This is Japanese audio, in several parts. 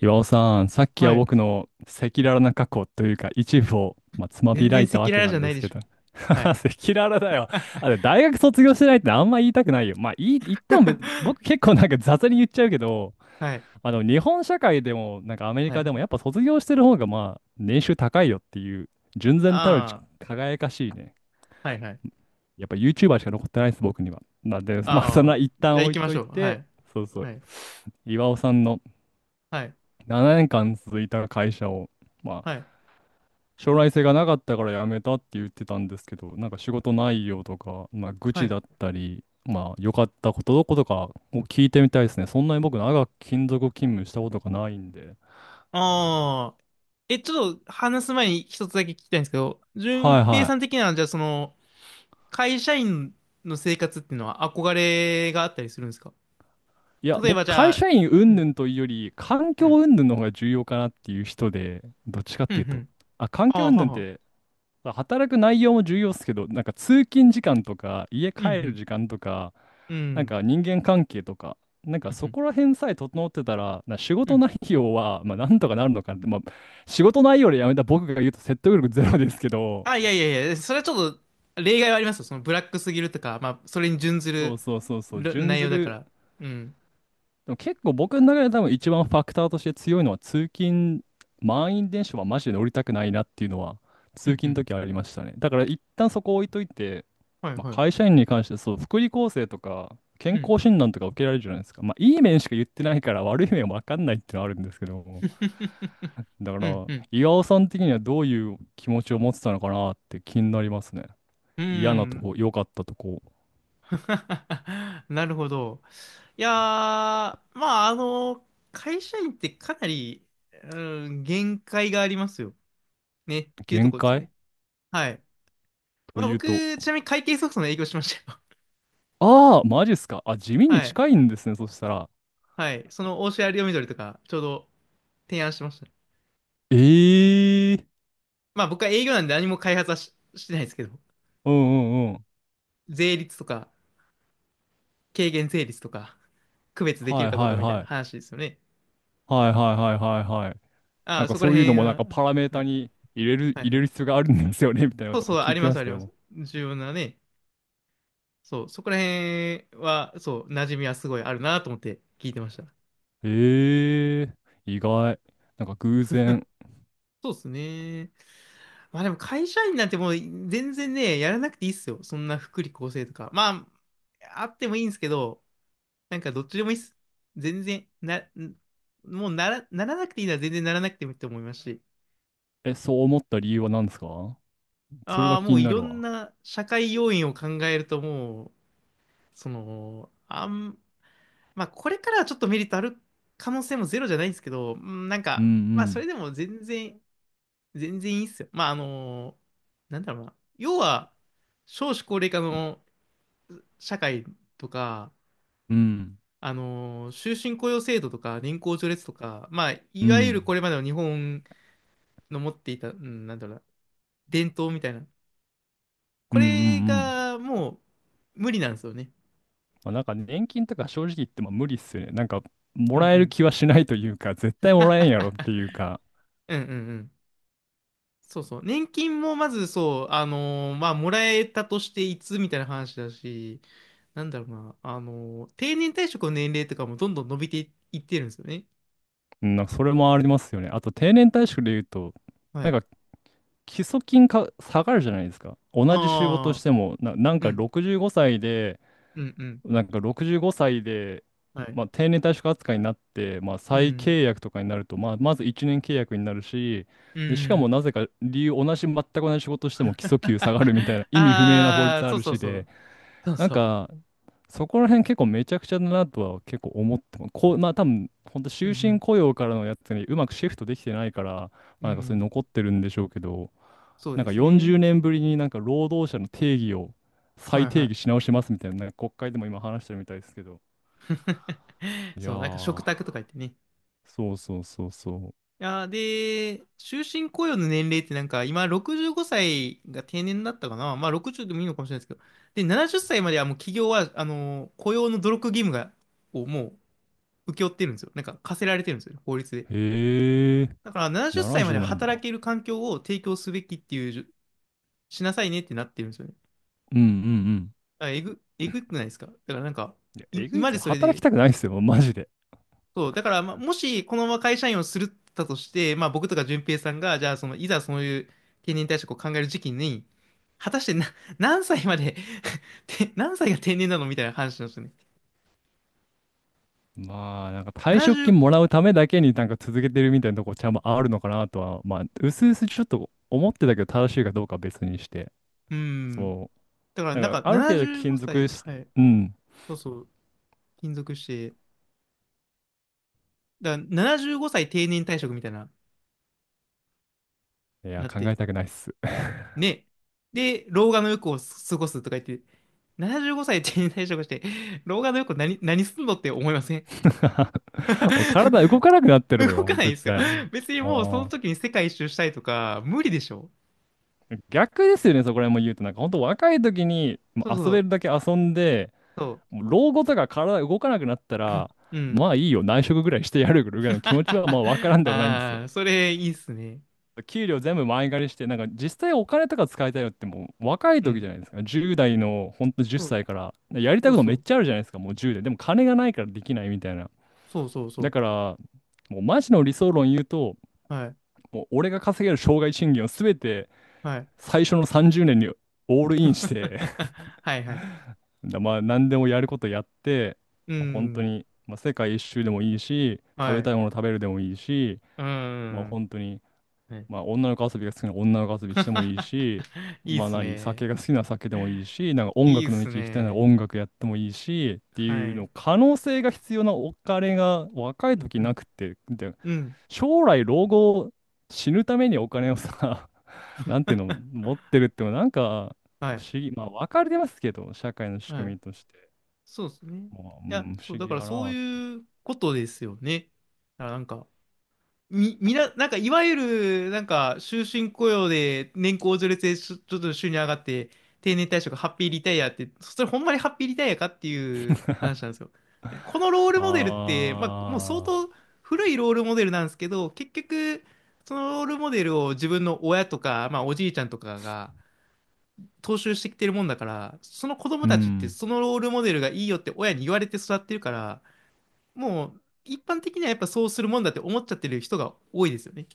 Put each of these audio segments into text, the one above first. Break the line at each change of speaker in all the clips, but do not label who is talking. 岩尾さん、さっき
は
は
い。
僕の赤裸々な過去というか一部を、つまび
全
ら
然
い
赤
たわ
裸
け
々
な
じゃ
んで
ない
す
で
け
しょ。
ど。赤
はい。
裸々だよ。あれ、大学卒業してないってあんま言いたくないよ。まあ、いい、言っても別に、僕結構なんか雑に言っちゃうけど、
はい。
日本社会でも、なんかアメリ
は
カでも、
い。
やっぱ卒業してる方が、年収高いよっていう、純然たる
あ
輝かしいね。
あ、はいはい。
やっぱ YouTuber しか残ってないです、僕には。なんで、まあ、そんな
ああ、
一
じゃ
旦
あ行
置い
きま
と
し
い
ょう。は
て、
い。
そうそう。
はい。
岩尾さんの、
はい。
7年間続いた会社を、まあ、
はい。
将来性がなかったから辞めたって言ってたんですけど、なんか仕事内容とか、まあ、愚
は
痴
い。
だったり、まあ、良かったことどことかを聞いてみたいですね。そんなに僕、長く勤続勤務したことがないんで。
ああ、え、ちょっと話す前に一つだけ聞きたいんですけど、
は
順
い
平
は
さん的には、じゃあ会社員の生活っていうのは憧れがあったりするんですか？
い。いや、
例え
僕、
ばじ
会
ゃ
社員
あ、は
云
い。
々というより、環
は
境
い。
云々の方が重要かなっていう人で、どっちかっ
うんう
ていうと。
ん。
あ、環
あ
境
あ、
云
は
々っ
は。
て、働く内容も重要ですけど、なんか通勤時間とか、家
うんう
帰る
ん。
時間とか、
う
なん
ん。
か人間関係とか、なん
う
かそ
ん
こら辺さえ整ってたら、な仕
う
事
ん。
内容は、まあ、なんとかなるのかなって、まあ、仕事内容でやめた僕が言うと説得力ゼロですけど、
あ、いや、それはちょっと例外はありますよ。そのブラックすぎるとか、まあ、それに準ず
そう
る
そうそうそう、
る
準
内
ず
容だか
る。
ら。うん。
でも結構僕の中で多分一番ファクターとして強いのは通勤、満員電車はマジで乗りたくないなっていうのは
う
通
んう
勤の
ん。
時はありましたね。だから一旦そこ置いといて、
はい
ま
は
あ、
い。
会社員に関してそう、福利厚生とか
う
健
ん。
康診断とか受けられるじゃないですか。まあいい面しか言ってないから悪い面は分かんないってのはあるんですけども。だか
うん
ら
うん。
岩尾さん的にはどういう気持ちを持ってたのかなって気になりますね。
う
嫌なと
ん。
こ、良かったとこ、
なるほど。まあ、会社員ってかなり、うん、限界がありますよ。ね。っていうと
限
ころですね。
界
はい。
と
まあ、
いうと、
僕、ちなみに会計ソフトの営業しましたよ。
ああ、マジっすか。あ、地 味に
はい。
近いんですね、そしたら。
はい。その、オーシャンアリオミドルとか、ちょうど提案してましたね。
ええ。
まあ僕は営業なんで何も開発はし、してないですけど、
うんうんうん。
税率とか、軽減税率とか、区別できる
はい
かどう
は
か
い
みたい
は
な
い。
話ですよね。
はいはいはいはいはい。
あ
なん
あ、
か
そこ
そ
ら
ういうの
辺
もなん
は、
かパラメー
は
タ
い、
に入れる、
はい、
入
は
れ
い。
る必要があるんですよね、みたいな
そう
こと
そ
も
う、
聞いてまし
あり
た
ます。
よ。
重要なね、そう、そこら辺は、そう、馴染みはすごいあるなと思って聞いてました。
ええ。意外。なんか偶然。
そうですね。まあでも会社員なんてもう全然ね、やらなくていいっすよ。そんな福利厚生とか。まあ、あってもいいんですけど、なんかどっちでもいいっす。全然、な、んもうならなくていいなら全然ならなくてもいいと思いますし。
え、そう思った理由は何ですか。それ
あ
が
あ、
気
もう
に
い
な
ろ
る
ん
わ。
な社会要因を考えるともう、その、あん、まあこれからはちょっとメリットある可能性もゼロじゃないんですけど、なん
う
か、まあそ
ん
れでも全然、全然いいっすよ。まあなんだろうな。要は、少子高齢化の社会とか、
うん。うん。
終身雇用制度とか、年功序列とか、まあ、
う
いわゆ
ん
るこれまでの日本の持っていた、なんだろうな、伝統みたいな。
う
こ
んうん
れ
うん。
がもう無理なんですよね。
まあ、なんか年金とか正直言っても無理っすよね。なんかも
うんう
らえる
ん。
気はしないというか、絶対もらえんやろって いうか。
うんうんうん。そうそう。年金もまずそう、あのーまあ、もらえたとしていつみたいな話だし、なんだろうな、定年退職の年齢とかもどんどん伸びていいってるんですよね。
うん、なんかそれもありますよね。あと定年退職で言うと、
は
なん
い。
か基礎金か下がるじゃないですか。同じ仕事し
ああ、
ても、な、なん
う
か
ん、
65歳で、
うん、うん。
なんか65歳で、
はい。
まあ、定年退職扱いになって、まあ、
う
再
ん、
契約とかになると、まあ、まず1年契約になるし、
う
で、しかも
ん。
なぜか理由、同じ、全く同じ仕事しても基礎 給下がるみたいな意味不明な法
あ
律
あ、
あ
そう
る
そう
し
そ
で、
う。そう
なん
そう。
か、そこら辺結構めちゃくちゃだなとは結構思っても、こう、まあ多分、本当
う
終
ん、う
身
ん、
雇用からのやつにうまくシフトできてないから、ま
う
あなんかそれ
ん。
残ってるんでしょうけど、
そう
なん
で
か
す
40
ね。
年ぶりになんか労働者の定義を
は
再
い
定
は
義
い。
し直しますみたいな、なんか国会でも今話してるみたいですけど。いや
そう、なんか食卓
ー、
とか言ってね。い
そうそうそうそう。
やー、で、終身雇用の年齢ってなんか今65歳が定年だったかな。まあ60でもいいのかもしれないですけど。で、70歳まではもう企業は、雇用の努力義務が、をもう請け負ってるんですよ。なんか課せられてるんですよね、法律で。
へえー、
だから70歳まで
70
は
なじゅうなん
働
だ。
ける環境を提供すべきっていうしなさいねってなってるんですよね。
うんうんうん。
だからえぐくないですか？だからなんか、
いや、えぐ
今
いっ
ま
す
で
よ。
それ
働き
で、
たくないっすよ、マジで。
そう、だから、まあ、もしこのまま会社員をするったとして、まあ、僕とか淳平さんが、じゃあ、その、いざそういう定年退職を考える時期に、果たしてな、何歳まで て何歳が定年なのみたいな話なんですよね。
まあ、なんか退職
70、
金もらうためだけになんか続けてるみたいなとこちゃんとあるのかなとは、まあ、うすうすちょっと思ってたけど、正しいかどうかは別にして。
うん。
そ
だから、
う。
なん
なんか、
か、
ある程度
75
勤続
歳、
し、
はい。
うん。
そうそう、勤続して、だから75歳定年退職みたいな、
いや、
なっ
考え
て、
たくないっす。
ね。で、老眼の欲を過ごすとか言って、75歳定年退職して、老眼の欲何、何すんのって思いません？
もう体動かなくなっ てる
動
よ、
かないんで
絶
すよ。
対。
別にもうその
ああ。
時に世界一周したいとか、無理でしょ。
逆ですよね、そこら辺も言うと。なんか、本当若い時にも
そ
う
う
遊
そ
べ
う。
るだけ遊んで、
そ
もう老後とか体動かなくなったら、
う。うん。
まあいいよ、内職ぐらいしてやるぐらいの 気持ちはまあわからんでもないんです
あ
よ。
あ、それいいっすね。
給料全部前借りして、なんか実際お金とか使いたいのってもう若い
う
時じ
ん。
ゃないですか。10代のほんと10
そう
歳から、やりた
そ
い
う
こと
そ
めっ
う。
ちゃあるじゃないですか、もう10で。でも金がないからできないみたいな。
そうそうそ
だ
う。
から、もうマジの理想論言うと、
はい。
もう俺が稼げる生涯賃金を全て
はい。
最初の30年にオールインして
はいはい。
だまあ何でもやることやって、
う
まあ、本当
ん。
に、まあ、世界一周でもいいし、食
は
べた
い。
いもの食べるでもいいし、
う
まあ
ん。
本当に。
は
まあ、
い。
女の子遊びが好きなら女の子遊びしてもいい し、
いいっ
まあ
す
何、
ね。
酒が好きなら酒でもいいし、なんか音
いい
楽
っ
の道
す
行きたいなら
ね。
音楽やってもいいし、って
は
いうの、
い。
可能性が必要なお金が若い時
う
な
ん。
くて、で、
うん。
将来老後死ぬためにお金をさ、なんていうの、持ってるってのはなんか
は
不
い。
思議、まあ分かりますけど、社会の仕
はい。
組みとして。
そうですね。い
まあ、う
や、
ん、不
そう、
思
だ
議
から
や
そう
なって。
いうことですよね。だからなんか、み、みな、なんかいわゆる、なんか終身雇用で年功序列でちょっと収入上がって、定年退職、ハッピーリタイアって、それほんまにハッピーリタイアかっていう話なん ですよ。でこのロールモデルって、まあ、もう相
ああ、
当古いロールモデルなんですけど、結局、そのロールモデルを自分の親とか、まあ、おじいちゃんとかが、踏襲してきてるもんだから、その子供
う
たちって
ん。
そのロールモデルがいいよって親に言われて育ってるから、もう一般的にはやっぱそうするもんだって思っちゃってる人が多いですよね。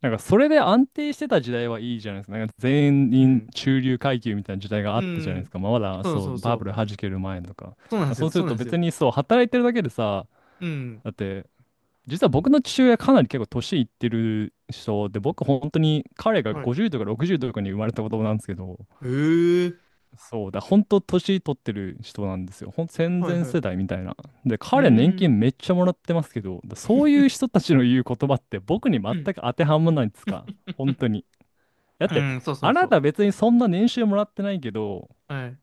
なんかそれで安定してた時代はいいじゃないですか。なんか全
う
員
ん。
中流階級みたいな時代があ
う
ったじゃないです
ん。
か。まあ、まだ
そう
そ
そ
う
うそ
バブ
う。
ル弾ける前とか。だか
そうなんで
ら
す
そう
よ。
す
そう
る
なん
と
ですよ。
別にそう働いてるだけでさ、
うん。
だって実は僕の父親かなり結構年いってる人で、僕本当に彼が
はい。
50とか60とかに生まれた子供なんですけど、
えー。
そうだ、本当年取ってる人なんですよ。ほん戦
はい
前
はい。う
世代みたいな。で、
ー
彼年
ん。
金めっちゃもらってますけど、だそういう人たちの言う言葉って僕に全
うん。
く当てはまらないんですか。本当に。だっ
う
て、
ん、そうそ
あ
う
な
そう。
た別にそんな年収もらってないけど、
はい。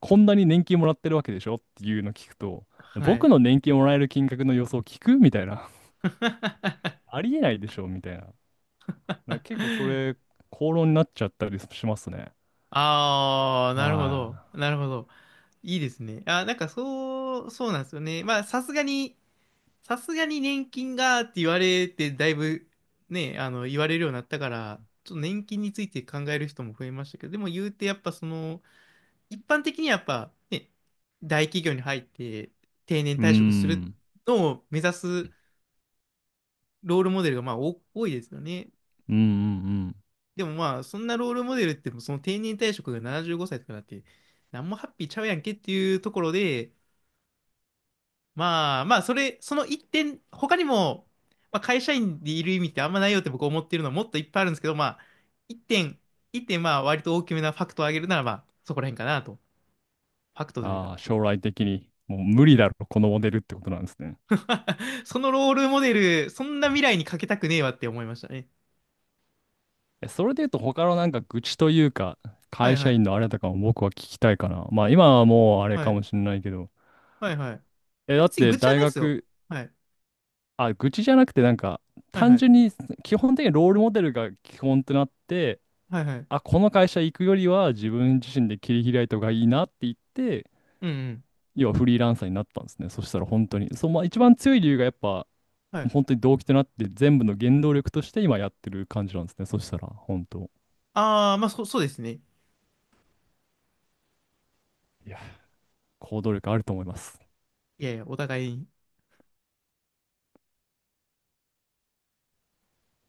こんなに年金もらってるわけでしょっていうの聞くと、
は
僕
い。
の年金もらえる金額の予想聞くみたいな。ありえないでしょみたいな。だから結構それ、口論になっちゃったりしますね。
ああ、なるほ
は
ど。なるほど。いいですね。あ、そうなんですよね。まあ、さすがに、さすがに年金がって言われて、だいぶね、あの、言われるようになったから、ちょっと年金について考える人も増えましたけど、でも言うてやっぱその、一般的にはやっぱね、大企業に入って定年
い。うー
退職する
ん。
のを目指すロールモデルがまあお多いですよね。
うんうんうん。
でもまあ、そんなロールモデルってもその定年退職が75歳とかだって、なんもハッピーちゃうやんけっていうところで、まあまあ、その一点、他にも、まあ、会社員でいる意味ってあんまないよって僕思ってるのはもっといっぱいあるんですけど、まあ、一点、一点、まあ、割と大きめなファクトを挙げるなら、まあ、そこら辺かなと。ファクトという
あ
か。
あ、将来的に、もう無理だろ、このモデルってことなんですね。
そのロールモデル、そんな未来にかけたくねえわって思いましたね。
えそれで言うと、他のなんか愚痴というか、
は
会
いは
社
い。
員のあれとかも僕は聞きたいかな。まあ今はもうあれ
は
か
い。
もしれないけど、
はいはい。い
え、
や
だっ
別に
て
愚痴は
大
ないですよ。
学、
はい。
あ、愚痴じゃなくて、なんか、
はいは
単純
い。
に、基本的にロールモデルが基本となって、
はいはい。
あ、この会社行くよりは自分自身で切り開いた方がいいなって言って、
うんうん。
要はフリーランサーになったんですね。そしたら本当に。そう、まあ一番強い理由がやっぱ、
はい。
本当に動機となって全部の原動力として今やってる感じなんですね。そしたら、本当。
ああ、そうですね。
いや、行動力あると思います。
いやいや、お互いに。